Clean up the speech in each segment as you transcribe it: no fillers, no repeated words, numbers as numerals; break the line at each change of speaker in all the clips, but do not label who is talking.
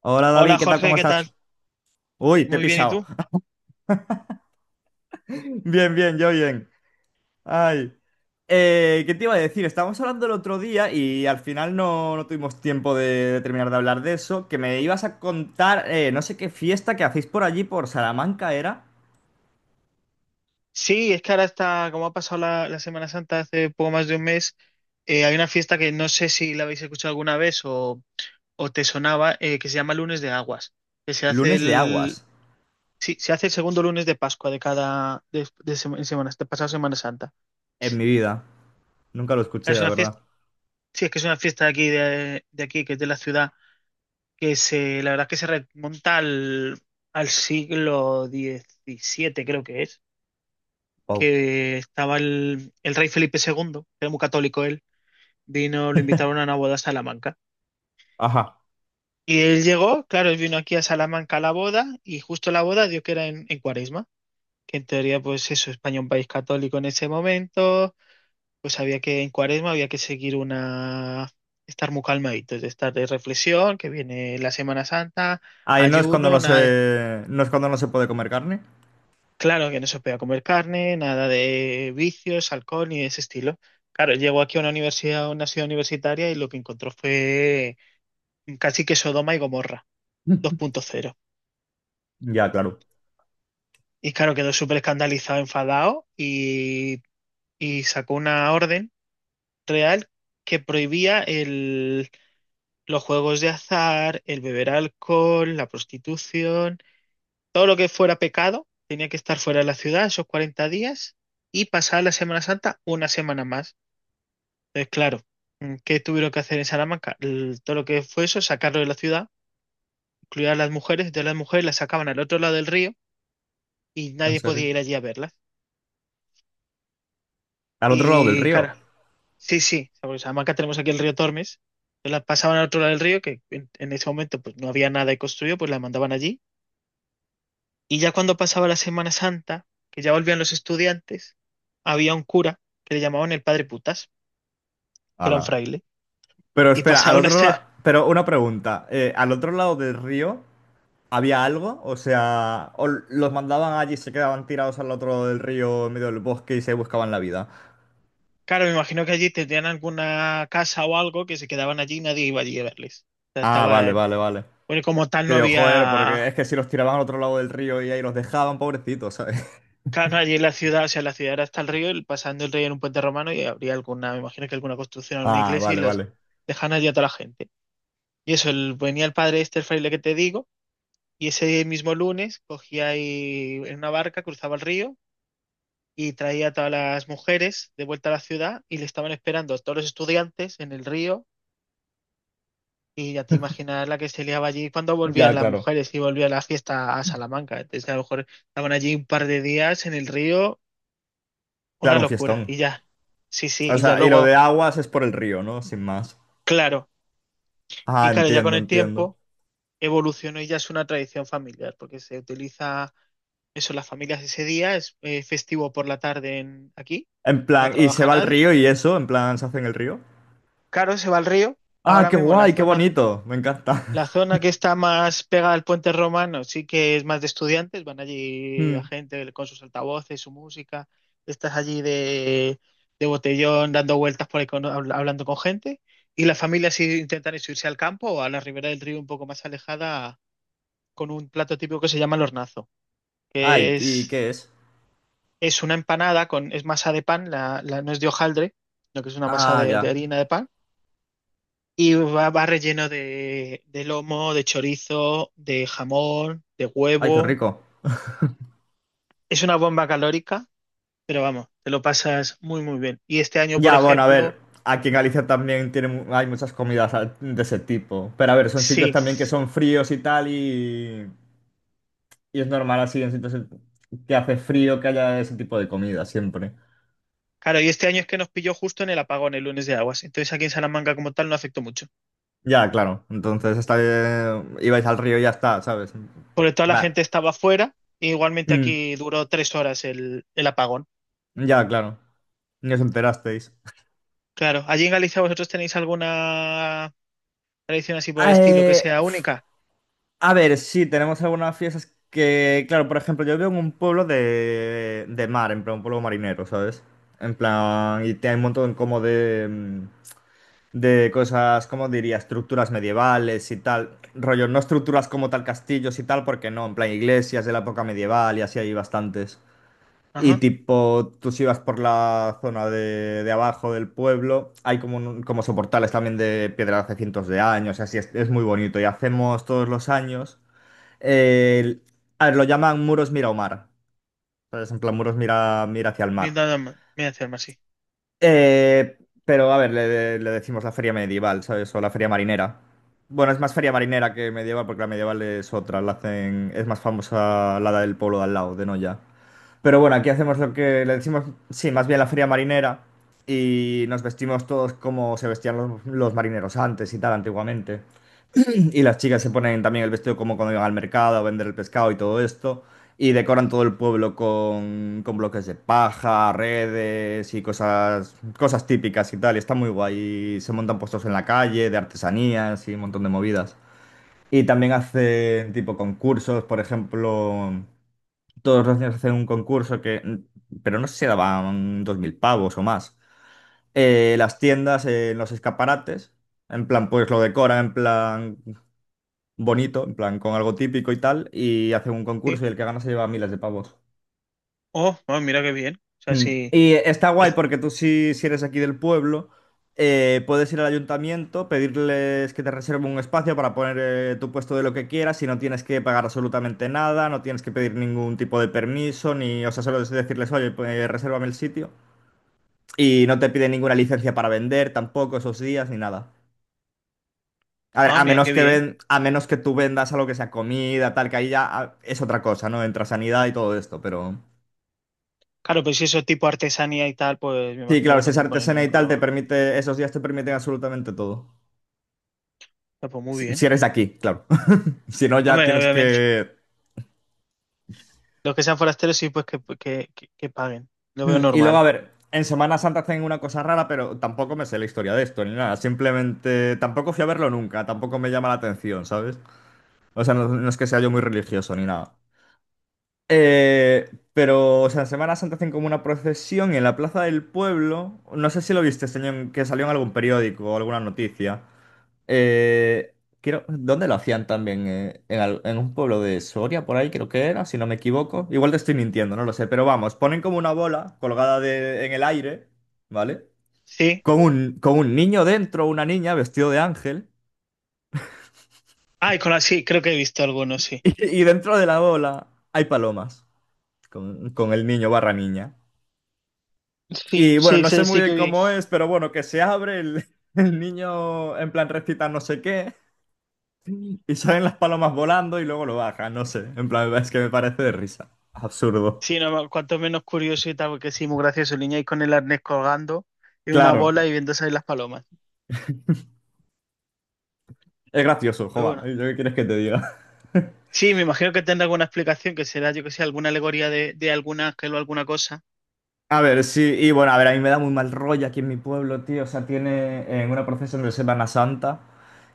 Hola David,
Hola
¿qué tal? ¿Cómo
Jorge, ¿qué
estás?
tal?
Uy, te he
Muy bien, ¿y
pisado.
tú?
Bien, bien, yo bien. Ay. ¿Qué te iba a decir? Estábamos hablando el otro día y al final no, no tuvimos tiempo de terminar de hablar de eso, que me ibas a contar no sé qué fiesta que hacéis por allí, por Salamanca, era
Sí, es que ahora está, como ha pasado la Semana Santa hace poco más de un mes, hay una fiesta que no sé si la habéis escuchado alguna vez o te sonaba, que se llama Lunes de Aguas, que se hace
Lunes de
el,
Aguas,
sí, se hace el segundo lunes de Pascua de cada, de en semana, de pasado Semana Santa.
en mi vida. Nunca lo
Claro,
escuché,
es
la
una fiesta,
verdad.
sí, es que es una fiesta de aquí, de aquí, que es de la ciudad, la verdad es que se remonta al siglo diecisiete creo que es.
Wow.
Que estaba el rey Felipe segundo, que era muy católico él, vino, lo invitaron a una boda a Salamanca.
Ajá.
Y él llegó, claro, él vino aquí a Salamanca a la boda y justo la boda dio que era en Cuaresma, que en teoría pues eso, España un país católico en ese momento, pues había que en Cuaresma había que seguir una, estar muy calmaditos, de estar de reflexión, que viene la Semana Santa,
Ay,
ayuno, nada.
no es cuando no se puede comer carne?
Claro que no se podía comer carne, nada de vicios, alcohol ni de ese estilo. Claro, llegó aquí a una universidad, a una ciudad universitaria y lo que encontró fue casi que Sodoma y Gomorra 2.0.
Ya, claro.
Y claro, quedó súper escandalizado, enfadado y sacó una orden real que prohibía los juegos de azar, el beber alcohol, la prostitución, todo lo que fuera pecado tenía que estar fuera de la ciudad esos 40 días y pasar la Semana Santa una semana más. Entonces, claro, ¿qué tuvieron que hacer en Salamanca? Todo lo que fue eso, sacarlo de la ciudad, incluir a las mujeres, de las mujeres las sacaban al otro lado del río y
¿En
nadie
serio?
podía ir allí a verlas.
Al otro lado del
Y
río.
claro, sí, sí, porque en Salamanca tenemos aquí el río Tormes, entonces las pasaban al otro lado del río, que en ese momento pues no había nada construido, pues las mandaban allí. Y ya cuando pasaba la Semana Santa, que ya volvían los estudiantes, había un cura que le llamaban el padre Putas, que era un
Ala.
fraile,
Pero
y
espera, al
pasaba una,
otro lado, pero una pregunta. ¿Al otro lado del río había algo? O sea, ¿o los mandaban allí y se quedaban tirados al otro lado del río en medio del bosque y se buscaban la vida?
claro, me imagino que allí tendrían alguna casa o algo que se quedaban allí y nadie iba allí a verles. O sea,
Ah,
estaba
vale,
en...
vale, vale.
Bueno, y como tal
Que
no
digo, joder, porque
había...
es que si los tiraban al otro lado del río y ahí los dejaban, pobrecitos, ¿sabes?
Claro, no, allí en la ciudad, o sea, la ciudad era hasta el río, y pasando el río en un puente romano y habría alguna, me imagino que alguna construcción o una
Ah,
iglesia y
vale,
los
vale.
dejan allí a toda la gente. Y eso, venía el padre este, el fraile que te digo, y ese mismo lunes cogía y en una barca, cruzaba el río y traía a todas las mujeres de vuelta a la ciudad y le estaban esperando a todos los estudiantes en el río. Y ya te imaginas la que se liaba allí cuando volvían
Ya,
las
claro.
mujeres y volvía la fiesta a Salamanca. Entonces, a lo mejor estaban allí un par de días en el río, una
Claro, un fiestón.
locura, y ya. Sí, sí,
O
y ya
sea, y lo
luego,
de aguas es por el río, ¿no? Sin más.
claro,
Ah,
y claro, ya con
entiendo,
el
entiendo.
tiempo evolucionó y ya es una tradición familiar, porque se utiliza eso en las familias ese día, es festivo por la tarde en, aquí,
En
no
plan, y se
trabaja
va al
nadie.
río y eso, en plan, se hace en el río.
Claro, se va al río,
Ah,
ahora
qué
mismo en la
guay, qué
zona.
bonito. Me encanta.
La zona que está más pegada al puente romano sí que es más de estudiantes, van allí la gente con sus altavoces, su música, estás allí de botellón dando vueltas por ahí hablando con gente y las familias sí intentan eso, irse al campo o a la ribera del río un poco más alejada con un plato típico que se llama el hornazo,
Ay,
que
¿y qué es?
es una empanada con, es masa de pan, no es de hojaldre, sino que es una masa
Ah,
de
ya.
harina de pan y va, va relleno de lomo, de chorizo, de jamón, de
Ay, qué
huevo.
rico.
Es una bomba calórica, pero vamos, te lo pasas muy, muy bien. Y este año, por
Ya, bueno, a ver,
ejemplo,
aquí en Galicia también tiene, hay muchas comidas de ese tipo. Pero a ver, son sitios
sí.
también que son fríos y tal y es normal así en sitios que hace frío que haya ese tipo de comida siempre.
Claro, y este año es que nos pilló justo en el apagón, el lunes de aguas. Entonces aquí en Salamanca como tal no afectó mucho.
Ya, claro. Entonces está, ibais al río y ya está, ¿sabes?
Porque toda la
Va.
gente estaba fuera. E igualmente
Mm,
aquí duró tres horas el apagón.
ya, claro. Ni os enterasteis.
Claro, allí en Galicia vosotros tenéis alguna tradición así por el estilo que
Eh,
sea única.
A ver, sí, tenemos algunas fiestas que, claro, por ejemplo, yo vivo en un pueblo de mar, en plan, un pueblo marinero, ¿sabes? En plan, y hay un montón como de cosas, ¿cómo diría? Estructuras medievales y tal. Rollo, no estructuras como tal castillos y tal, porque no, en plan, iglesias de la época medieval y así hay bastantes. Y
Ajá,
tipo, tú si vas por la zona de abajo del pueblo, hay como, como soportales también de piedra de hace cientos de años, y así es muy bonito. Y hacemos todos los años. El- a ver, lo llaman muros mira o mar. ¿Sabes? En plan, muros mira, mira hacia el
mira,
mar.
nada más, mira, hacerme así.
Eh, pero, a ver, le decimos la feria medieval, ¿sabes? O la feria marinera. Bueno, es más feria marinera que medieval, porque la medieval es otra. La hacen, es más famosa la del pueblo de al lado, de Noya. Pero bueno, aquí hacemos lo que le decimos, sí, más bien la feria marinera. Y nos vestimos todos como se vestían los marineros antes y tal, antiguamente. Y las chicas se ponen también el vestido como cuando iban al mercado a vender el pescado y todo esto. Y decoran todo el pueblo con bloques de paja, redes y cosas, cosas típicas y tal. Y está muy guay. Y se montan puestos en la calle de artesanías y un montón de movidas. Y también hacen tipo concursos, por ejemplo, todos los años hacen un concurso que, pero no sé si daban 2.000 pavos o más. Las tiendas, en los escaparates. En plan, pues lo decoran, en plan, bonito, en plan con algo típico y tal, y hacen un concurso y el que gana se lleva miles de pavos.
Oh, ah, mira qué bien. O sea,
Mm.
sí.
Y está guay porque tú si eres aquí del pueblo, puedes ir al ayuntamiento, pedirles que te reserven un espacio para poner tu puesto de lo que quieras y no tienes que pagar absolutamente nada, no tienes que pedir ningún tipo de permiso, ni, o sea, solo es decirles, oye, pues resérvame el sitio. Y no te piden ninguna licencia para vender tampoco esos días ni nada. A ver,
Ah, mira qué bien.
a menos que tú vendas algo que sea comida, tal, que ahí ya es otra cosa, ¿no? Entra sanidad y todo esto, pero.
Claro, pues si eso es tipo artesanía y tal, pues me
Sí,
imagino
claro,
que
si
no
es
te pone
artesana
ningún
y tal, te
problema.
permite, esos días te permiten absolutamente todo.
Ah, pues muy
Si
bien.
eres de aquí, claro. Si no, ya
Hombre,
tienes
obviamente.
que.
Los que sean forasteros, sí, pues que paguen. Lo veo
Y luego, a
normal.
ver, en Semana Santa hacen una cosa rara, pero tampoco me sé la historia de esto, ni nada. Simplemente, tampoco fui a verlo nunca, tampoco me llama la atención, ¿sabes? O sea, no, no es que sea yo muy religioso ni nada. Eh, pero, o sea, en Semana Santa hacen como una procesión en la plaza del pueblo. No sé si lo viste, señor, que salió en algún periódico o alguna noticia. Eh, Quiero, ¿dónde lo hacían también? En, en un pueblo de Soria, por ahí creo que era, si no me equivoco. Igual te estoy mintiendo, no lo sé. Pero vamos, ponen como una bola colgada en el aire, ¿vale?
Sí.
Con un niño dentro, una niña vestido de ángel.
Ah, y con la sí, creo que he visto algunos, sí.
Y, y dentro de la bola hay palomas con el niño barra niña.
Sí,
Y bueno,
sí,
no sé
sí,
muy
sí
bien
que vi.
cómo es, pero bueno, que se abre el, el niño en plan recita no sé qué y salen las palomas volando y luego lo baja, no sé. En plan, es que me parece de risa. Absurdo.
Sí, no, cuanto menos curioso y tal, porque sí, muy gracioso. El niño ahí con el arnés colgando y una
Claro,
bola y viendo salir las palomas.
es gracioso,
Pero
joa.
bueno.
¿Yo qué quieres que te diga?
Sí, me imagino que tendrá alguna explicación, que será, yo que sé, alguna alegoría de alguna, que o alguna cosa.
A ver, sí, y bueno, a ver, a mí me da muy mal rollo aquí en mi pueblo, tío. O sea, tiene en una procesión de Semana Santa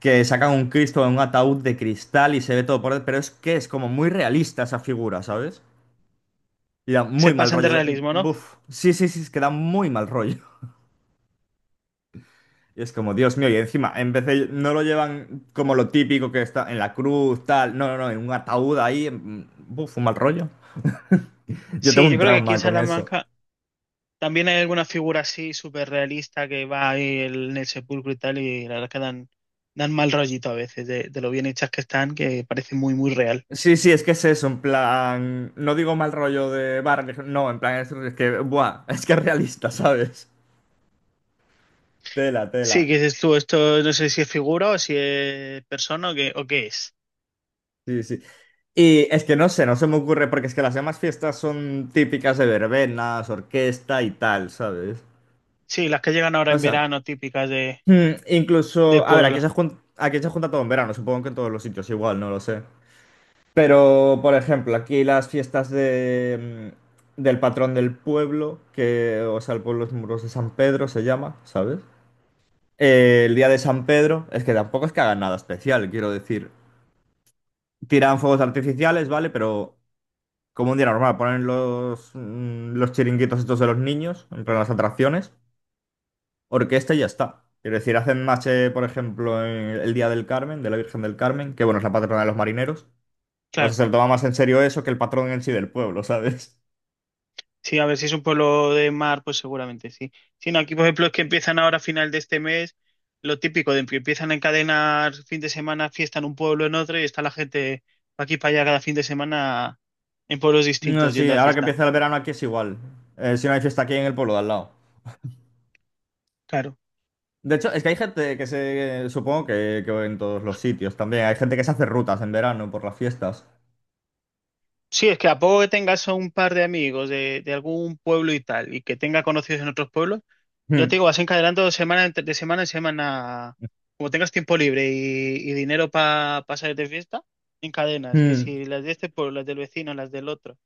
que sacan un Cristo en un ataúd de cristal y se ve todo por dentro, pero es que es como muy realista esa figura, ¿sabes? Y da muy
Se
mal
pasan de
rollo.
realismo, ¿no?
Buf, sí, sí, sí, es que da muy mal rollo. Y es como, Dios mío, y encima, en vez de, no lo llevan como lo típico que está en la cruz, tal, no, no, no, en un ataúd ahí, buf, un mal rollo. Yo tengo
Sí,
un
yo creo que aquí en
trauma con eso.
Salamanca también hay alguna figura así súper realista que va ahí en el sepulcro y tal, y la verdad que dan, dan mal rollito a veces de lo bien hechas que están, que parece muy, muy real.
Sí, sí, es que es eso, en plan, no digo mal rollo de bar, no, en plan, es que, buah, es que es realista, ¿sabes? Tela,
Sí,
tela.
que dices tú, esto no sé si es figura o si es persona o qué es.
Sí, sí. Y es que no sé, no se me ocurre, porque es que las demás fiestas son típicas de verbenas, orquesta y tal, ¿sabes?
Sí, las que llegan ahora
O
en
sea,
verano, típicas de
Incluso, a ver,
pueblo.
aquí se junta todo en verano, supongo que en todos los sitios igual, no lo sé. Pero, por ejemplo, aquí las fiestas del patrón del pueblo, que, o sea, el pueblo es Muros de San Pedro, se llama, ¿sabes? El día de San Pedro, es que tampoco es que hagan nada especial, quiero decir. Tiran fuegos artificiales, ¿vale? Pero como un día normal, ponen los chiringuitos estos de los niños, en plan las atracciones. Orquesta y ya está. Quiero decir, hacen mache, por ejemplo, en el Día del Carmen, de la Virgen del Carmen, que bueno, es la patrona de los marineros. O sea,
Claro.
se lo toma más en serio eso que el patrón en sí del pueblo, ¿sabes?
Sí, a ver si es un pueblo de mar, pues seguramente sí. Sí, no, aquí, por ejemplo, es que empiezan ahora a final de este mes, lo típico de que empiezan a encadenar fin de semana fiesta en un pueblo en otro y está la gente pa' aquí para allá cada fin de semana en pueblos
No,
distintos
sí,
yendo a
ahora que
fiesta.
empieza el verano aquí es igual. Si no hay fiesta aquí en el pueblo de al lado.
Claro.
De hecho, es que hay gente que se... Supongo que en todos los sitios también. Hay gente que se hace rutas en verano por las fiestas.
Sí, es que a poco que tengas a un par de amigos de algún pueblo y tal, y que tenga conocidos en otros pueblos, ya te
Mm,
digo, vas encadenando de semana en semana. Como tengas tiempo libre y dinero para pasar de fiesta, encadenas. Que
mm.
si las de este pueblo, las del vecino, las del otro.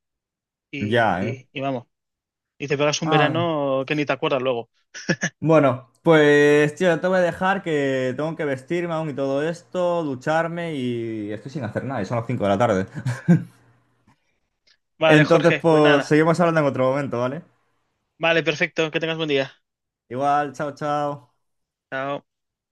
Ya, ¿eh?
Y vamos. Y te pegas un
Ay.
verano que ni te acuerdas luego.
Bueno, pues tío, te voy a dejar que tengo que vestirme aún y todo esto, ducharme y estoy sin hacer nada y son las 5 de la tarde.
Vale,
Entonces,
Jorge, pues
pues
nada.
seguimos hablando en otro momento, ¿vale?
Vale, perfecto. Que tengas buen día.
Igual, chao, chao.
Chao.